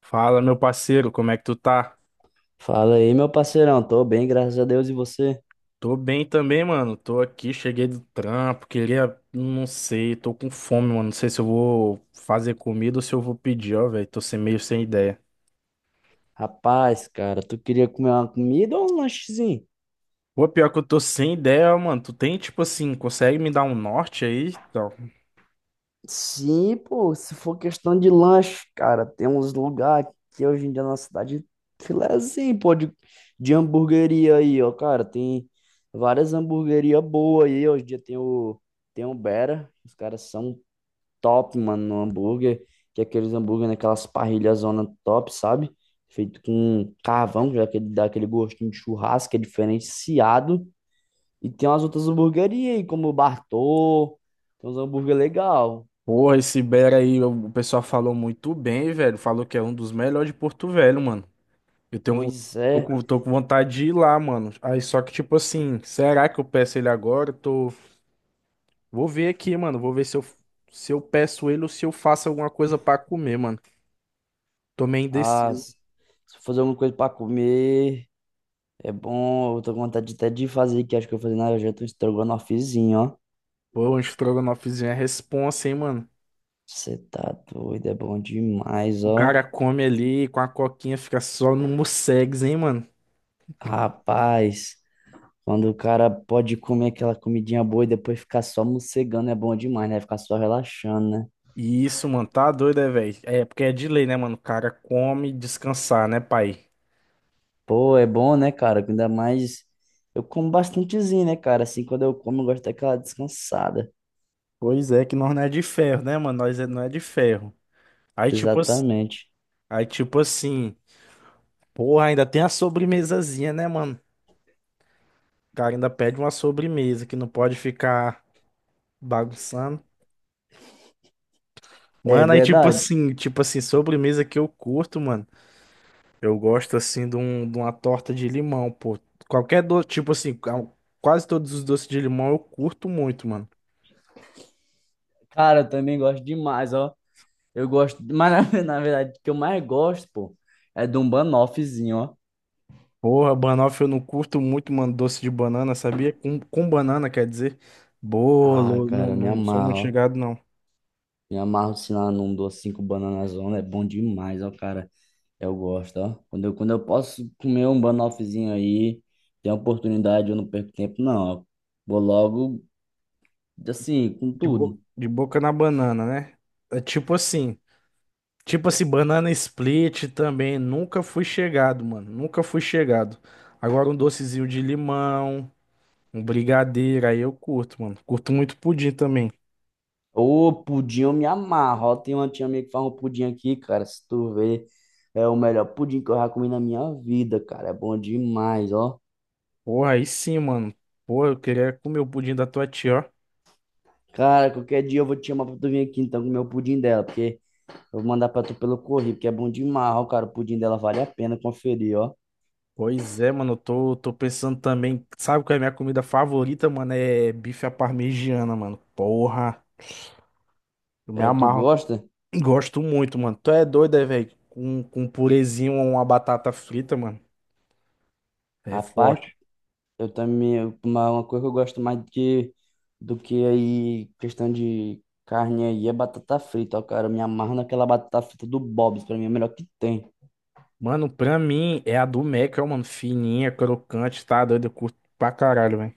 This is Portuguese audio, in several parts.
Fala, meu parceiro, como é que tu tá? Fala aí, meu parceirão. Tô bem, graças a Deus. E você? Tô bem também, mano. Tô aqui, cheguei do trampo, queria, não sei, tô com fome, mano. Não sei se eu vou fazer comida ou se eu vou pedir, ó, velho. Tô sem meio sem ideia. Rapaz, cara, tu queria comer uma comida ou um lanchezinho? Pô, pior que eu tô sem ideia, mano. Tu tem, tipo assim, consegue me dar um norte aí? Então, Sim, pô, se for questão de lanche, cara, tem uns lugares que hoje em dia na cidade filézinho, pô, de hamburgueria aí, ó, cara, tem várias hamburguerias boas aí, hoje em dia tem o Bera, os caras são top, mano, no hambúrguer, que é aqueles hambúrguer naquelas parrilhas zona top, sabe? Feito com carvão, já que ele dá aquele gostinho de churrasco, é diferenciado. E tem umas outras hamburguerias aí, como o Bartô, tem uns hambúrguer legal. porra, esse Bera aí, o pessoal falou muito bem, velho. Falou que é um dos melhores de Porto Velho, mano. Eu tenho, Pois tô é, com, tô com vontade de ir lá, mano. Aí, só que, tipo assim, será que eu peço ele agora? Tô. Vou ver aqui, mano. Vou ver se eu, Se eu peço ele ou se eu faço alguma coisa pra comer, mano. Tô meio ah, indeciso. se eu fazer alguma coisa pra comer, é bom, eu tô com vontade até de fazer, que acho que eu vou fazer na janta um estrogonofezinho, ó. Pô, um estrogonofezinho é responsa, hein, mano. Você tá doido, é bom demais, O ó. cara come ali com a coquinha, fica só no mussegs, hein, mano. Rapaz, quando o cara pode comer aquela comidinha boa e depois ficar só mocegando é bom demais, né? Ficar só relaxando, né? Isso, mano, tá doido, é, velho? É, porque é de lei, né, mano? O cara come descansar, né, pai? Pô, é bom, né, cara? Ainda mais eu como bastantezinho, né, cara? Assim, quando eu como, eu gosto daquela descansada. Pois é, que nós não é de ferro, né, mano? Não é de ferro. Aí, tipo, ass- Exatamente. Aí, tipo assim, porra, ainda tem a sobremesazinha, né, mano? O cara ainda pede uma sobremesa que não pode ficar bagunçando. É Mano, aí verdade. Tipo assim, sobremesa que eu curto, mano. Eu gosto assim de, um, de uma torta de limão, pô. Qualquer doce, quase todos os doces de limão eu curto muito, mano. Cara, eu também gosto demais, ó. Eu gosto, mas na verdade, o que eu mais gosto, pô, é de um banoffzinho, ó. Porra, banoffee eu não curto muito, mano, doce de banana, sabia? Com banana, quer dizer, Ah, bolo, não, cara, me não sou muito amarro, ó. chegado, não. Me amarro, se lá num docinho com banana zona, é bom demais, ó, cara. Eu gosto, ó. Quando eu posso comer um banoffzinho aí, tem oportunidade, eu não perco tempo, não. Ó, vou logo, assim, com tudo. De boca na banana, né? É tipo assim, banana split também, nunca fui chegado, mano, nunca fui chegado. Agora um docezinho de limão. Um brigadeiro, aí eu curto, mano. Curto muito pudim também. Ô, pudim eu me amarro, ó. Tem uma tia minha que faz um pudim aqui, cara. Se tu ver, é o melhor pudim que eu já comi na minha vida, cara. É bom demais, ó. Porra, aí sim, mano. Porra, eu queria comer o pudim da tua tia, ó. Cara, qualquer dia eu vou te chamar pra tu vir aqui, então, comer o pudim dela, porque eu vou mandar pra tu pelo correio, porque é bom demais, ó, cara. O pudim dela vale a pena conferir, ó. Pois é, mano, eu tô pensando também. Sabe qual é a minha comida favorita, mano? É bife à parmegiana, mano. Porra, eu me É, tu amarro. gosta? Gosto muito, mano. Tu é doido, é, velho? Com um purezinho ou uma batata frita, mano. É Rapaz, forte. eu também, uma coisa que eu gosto mais do que aí, questão de carne aí, é batata frita, ó, cara. Eu me amarro naquela batata frita do Bob's, pra mim é a melhor que tem. Mano, pra mim é a do Mac, ó, mano. Fininha, crocante, tá doido? Eu curto pra caralho, velho.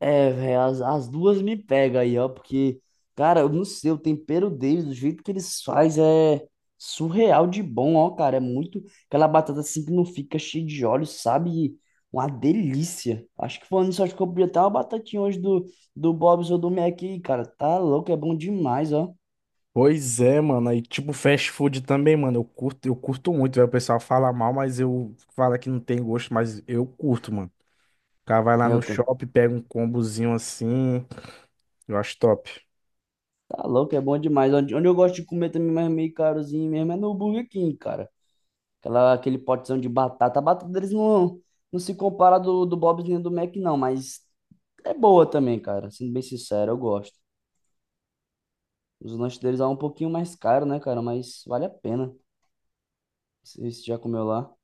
É, velho, as duas me pegam aí, ó, porque, cara, eu não sei, o tempero deles, do jeito que eles fazem, é surreal de bom, ó, cara. É muito, aquela batata assim que não fica cheia de óleo, sabe? Uma delícia. Acho que falando nisso, acho que eu podia até uma batatinha hoje do, Bob's ou do Mac aí, cara. Tá louco, é bom demais, ó. Pois é, mano. Aí, tipo, fast food também, mano. Eu curto muito, velho. O pessoal fala mal, mas eu fala que não tem gosto, mas eu curto, mano. O cara vai lá Eu no tô. shopping, pega um combozinho assim. Eu acho top. Tá louco, é bom demais. Onde, onde eu gosto de comer também, mas é meio carozinho mesmo, é no Burger King, cara. Aquela, aquele potezão de batata. A batata deles não, não se compara do Bob's nem do Mac, não, mas é boa também, cara. Sendo bem sincero, eu gosto. Os lanches deles é um pouquinho mais caro, né, cara? Mas vale a pena. Se já comeu lá.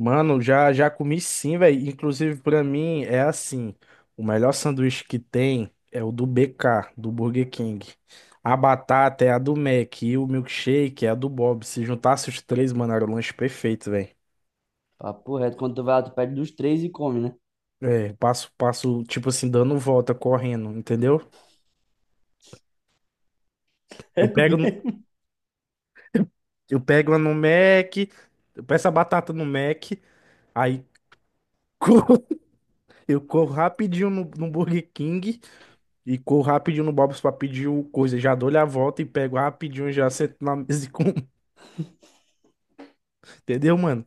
Mano, já comi sim, velho. Inclusive, pra mim, é assim. O melhor sanduíche que tem é o do BK, do Burger King. A batata é a do Mac e o milkshake é a do Bob. Se juntasse os três, mano, era o lanche perfeito, velho. Papo reto, quando tu vai lá, tu pede dos três e come, né? É, passo, tipo assim, dando volta, correndo, entendeu? É Eu pego, no- mesmo. eu pego uma no Mac, eu peço a batata no Mac, aí corro- eu corro rapidinho no Burger King e corro rapidinho no Bob's pra pedir o coisa. Já dou-lhe a volta e pego rapidinho e já sento na mesa e como. Entendeu, mano?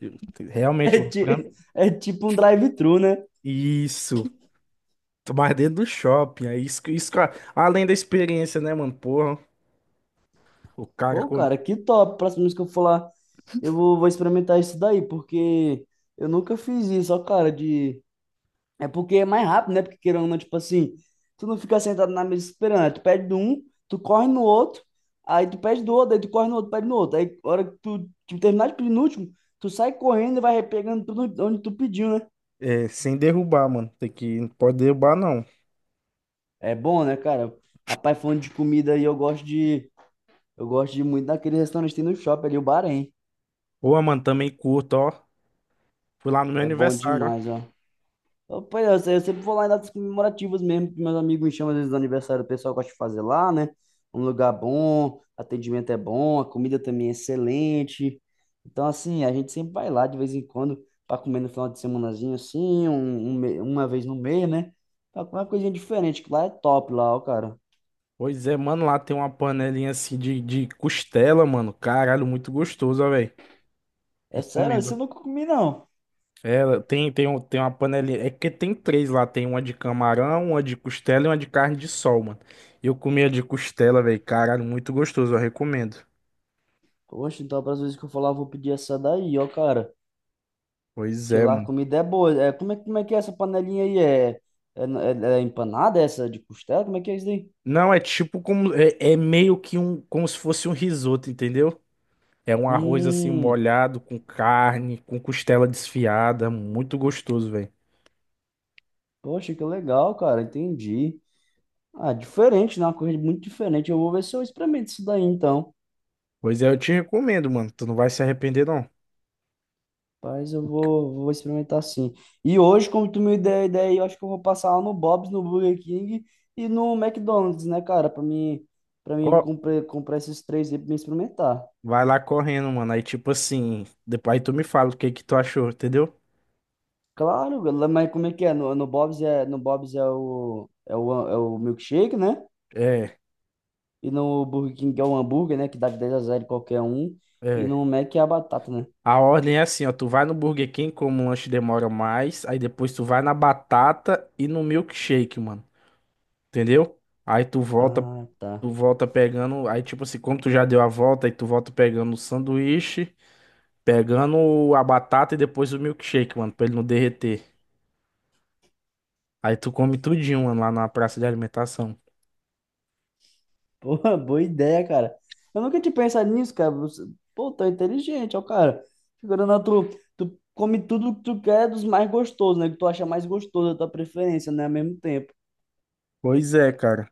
Eu- Realmente, É, mano. Pra mim. é tipo um drive-thru, né? Isso. Tô mais dentro do shopping. Além da experiência, né, mano? Porra, o cara Pô, com. cara, que top. Próxima vez que eu for lá, eu vou, vou experimentar isso daí, porque eu nunca fiz isso, ó, cara, de... É porque é mais rápido, né? Porque querendo ou não, tipo assim, tu não fica sentado na mesa esperando, né? Tu pede de um, tu corre no outro, aí tu pede do outro, aí tu corre no outro, pede no outro. Aí, a hora que tu terminar de pedir no último, tu sai correndo e vai pegando tudo onde tu pediu, né? É, sem derrubar, mano. Tem que, não pode derrubar, não. É bom, né, cara? Rapaz, falando de comida aí, eu gosto de... Eu gosto de muito daquele restaurante que tem no shopping ali, o Bahrein. Pô, mano, também curto, ó. Fui lá no meu É bom aniversário, ó. demais, ó. Pois é, eu, se- eu sempre vou lá em datas comemorativas mesmo, que meus amigos me chamam às vezes do aniversário, o pessoal gosta de fazer lá, né? Um lugar bom, atendimento é bom, a comida também é excelente. Então, assim, a gente sempre vai lá de vez em quando para comer no final de semanazinho, assim, uma vez no mês, né? Pra comer uma coisinha diferente, que lá é top, lá, ó, cara. Pois é, mano, lá tem uma panelinha assim de costela, mano. Caralho, muito gostosa, velho. É sério, isso eu Recomendo. nunca comi, não. É, tem uma panelinha. É que tem três lá. Tem uma de camarão, uma de costela e uma de carne de sol, mano. Eu comi a de costela, velho. Caralho, muito gostoso, eu recomendo. Poxa, então, para as vezes que eu falar, eu vou pedir essa daí, ó, cara. Pois Porque é, lá a mano. comida é boa. É, como é que é essa panelinha aí? É empanada essa de costela? Como é que é isso daí? Não, é tipo como. É, é meio que um. Como se fosse um risoto, entendeu? É um arroz assim Hum, molhado, com carne, com costela desfiada. Muito gostoso, velho. poxa, que legal, cara. Entendi. Ah, diferente, né? Uma coisa muito diferente. Eu vou ver se eu experimento isso daí, então. Pois é, eu te recomendo, mano. Tu não vai se arrepender, não. Mas eu vou experimentar sim. E hoje, como tu me deu a ideia, aí, eu acho que eu vou passar lá no Bob's, no Burger King e no McDonald's, né, cara? Pra mim Co- comprar esses três aí pra mim experimentar. Vai lá correndo, mano. Aí, tipo assim, depois aí tu me fala o que que tu achou, entendeu? Claro, lá- mas como é que é? No Bob's é o milkshake, né? É, E no Burger King é o hambúrguer, né? Que dá de 10 a zero em qualquer um. E é. no Mac é a batata, né? A ordem é assim, ó. Tu vai no Burger King, como o lanche demora mais. Aí depois tu vai na batata e no milkshake, mano. Entendeu? Aí Ah, tá. tu volta pegando. Aí, tipo assim, como tu já deu a volta, aí tu volta pegando o sanduíche, pegando a batata e depois o milkshake, mano, pra ele não derreter. Aí tu come tudinho, mano, lá na praça de alimentação. Pô, boa ideia, cara. Eu nunca tinha pensado nisso, cara. Você- Pô, tá inteligente, ó, cara. Figurando na tu come tudo que tu quer dos mais gostosos, né? Que tu acha mais gostoso, da tua preferência, né? Ao mesmo tempo. Pois é, cara.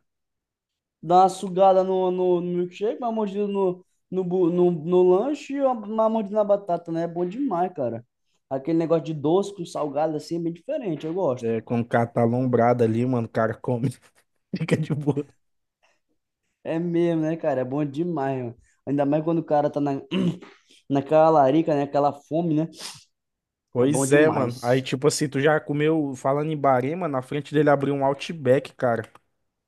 Dá uma sugada no, no milkshake, uma mordida no lanche e uma mordida na batata, né? É bom demais, cara. Aquele negócio de doce com salgado assim é bem diferente, eu gosto. É, quando o cara tá alombrado ali, mano, o cara come, fica de boa. É mesmo, né, cara? É bom demais, mano. Ainda mais quando o cara tá na, naquela larica, né? Aquela fome, né? É bom Pois é, mano. Aí, demais. tipo assim, tu já comeu, falando em Bahrein, mano, na frente dele abriu um Outback, cara.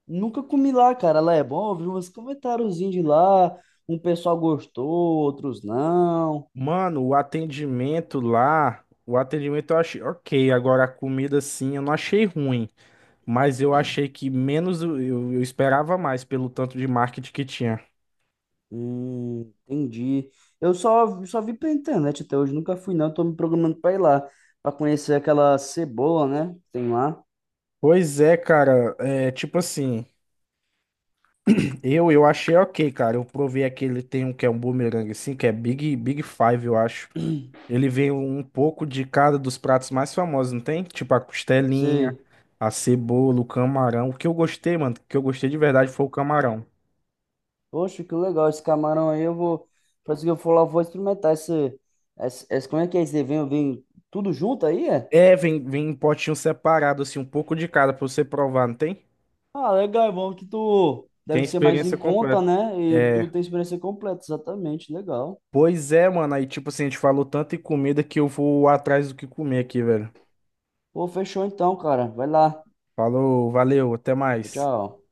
Nunca comi lá, cara. Lá é bom, eu vi uns comentáriozinhos de lá. Um pessoal gostou, outros não. Mano, o atendimento lá, o atendimento eu achei ok. Agora, a comida, sim, eu não achei ruim. Mas eu achei que menos, eu, eu esperava mais pelo tanto de marketing que tinha. Entendi. Eu só vi pela internet até hoje, nunca fui não, tô me programando pra ir lá, pra conhecer aquela cebola, né? Que tem lá. Pois é, cara, é tipo assim, eu achei ok, cara. Eu provei aquele, tem um que é um boomerang assim, que é Big Big Five, eu acho. Ele vem um pouco de cada dos pratos mais famosos, não tem? Tipo a costelinha, Sei. a cebola, o camarão. O que eu gostei, mano, o que eu gostei de verdade foi o camarão. Poxa, que legal esse camarão aí, eu vou, parece que eu for lá, eu vou experimentar esse, como é que é esse evento, vem tudo junto aí, é? É, vem, vem em potinho separado, assim, um pouco de cada pra você provar, não tem? Ah, legal, é bom que tu Tem a deve ser mais em experiência conta, completa. né? E É, tu tem experiência completa, exatamente, legal. pois é, mano, aí tipo assim, a gente falou tanto em comida que eu vou atrás do que comer aqui, velho. Pô, fechou então, cara, vai lá. Falou, valeu, até Tchau, mais. tchau.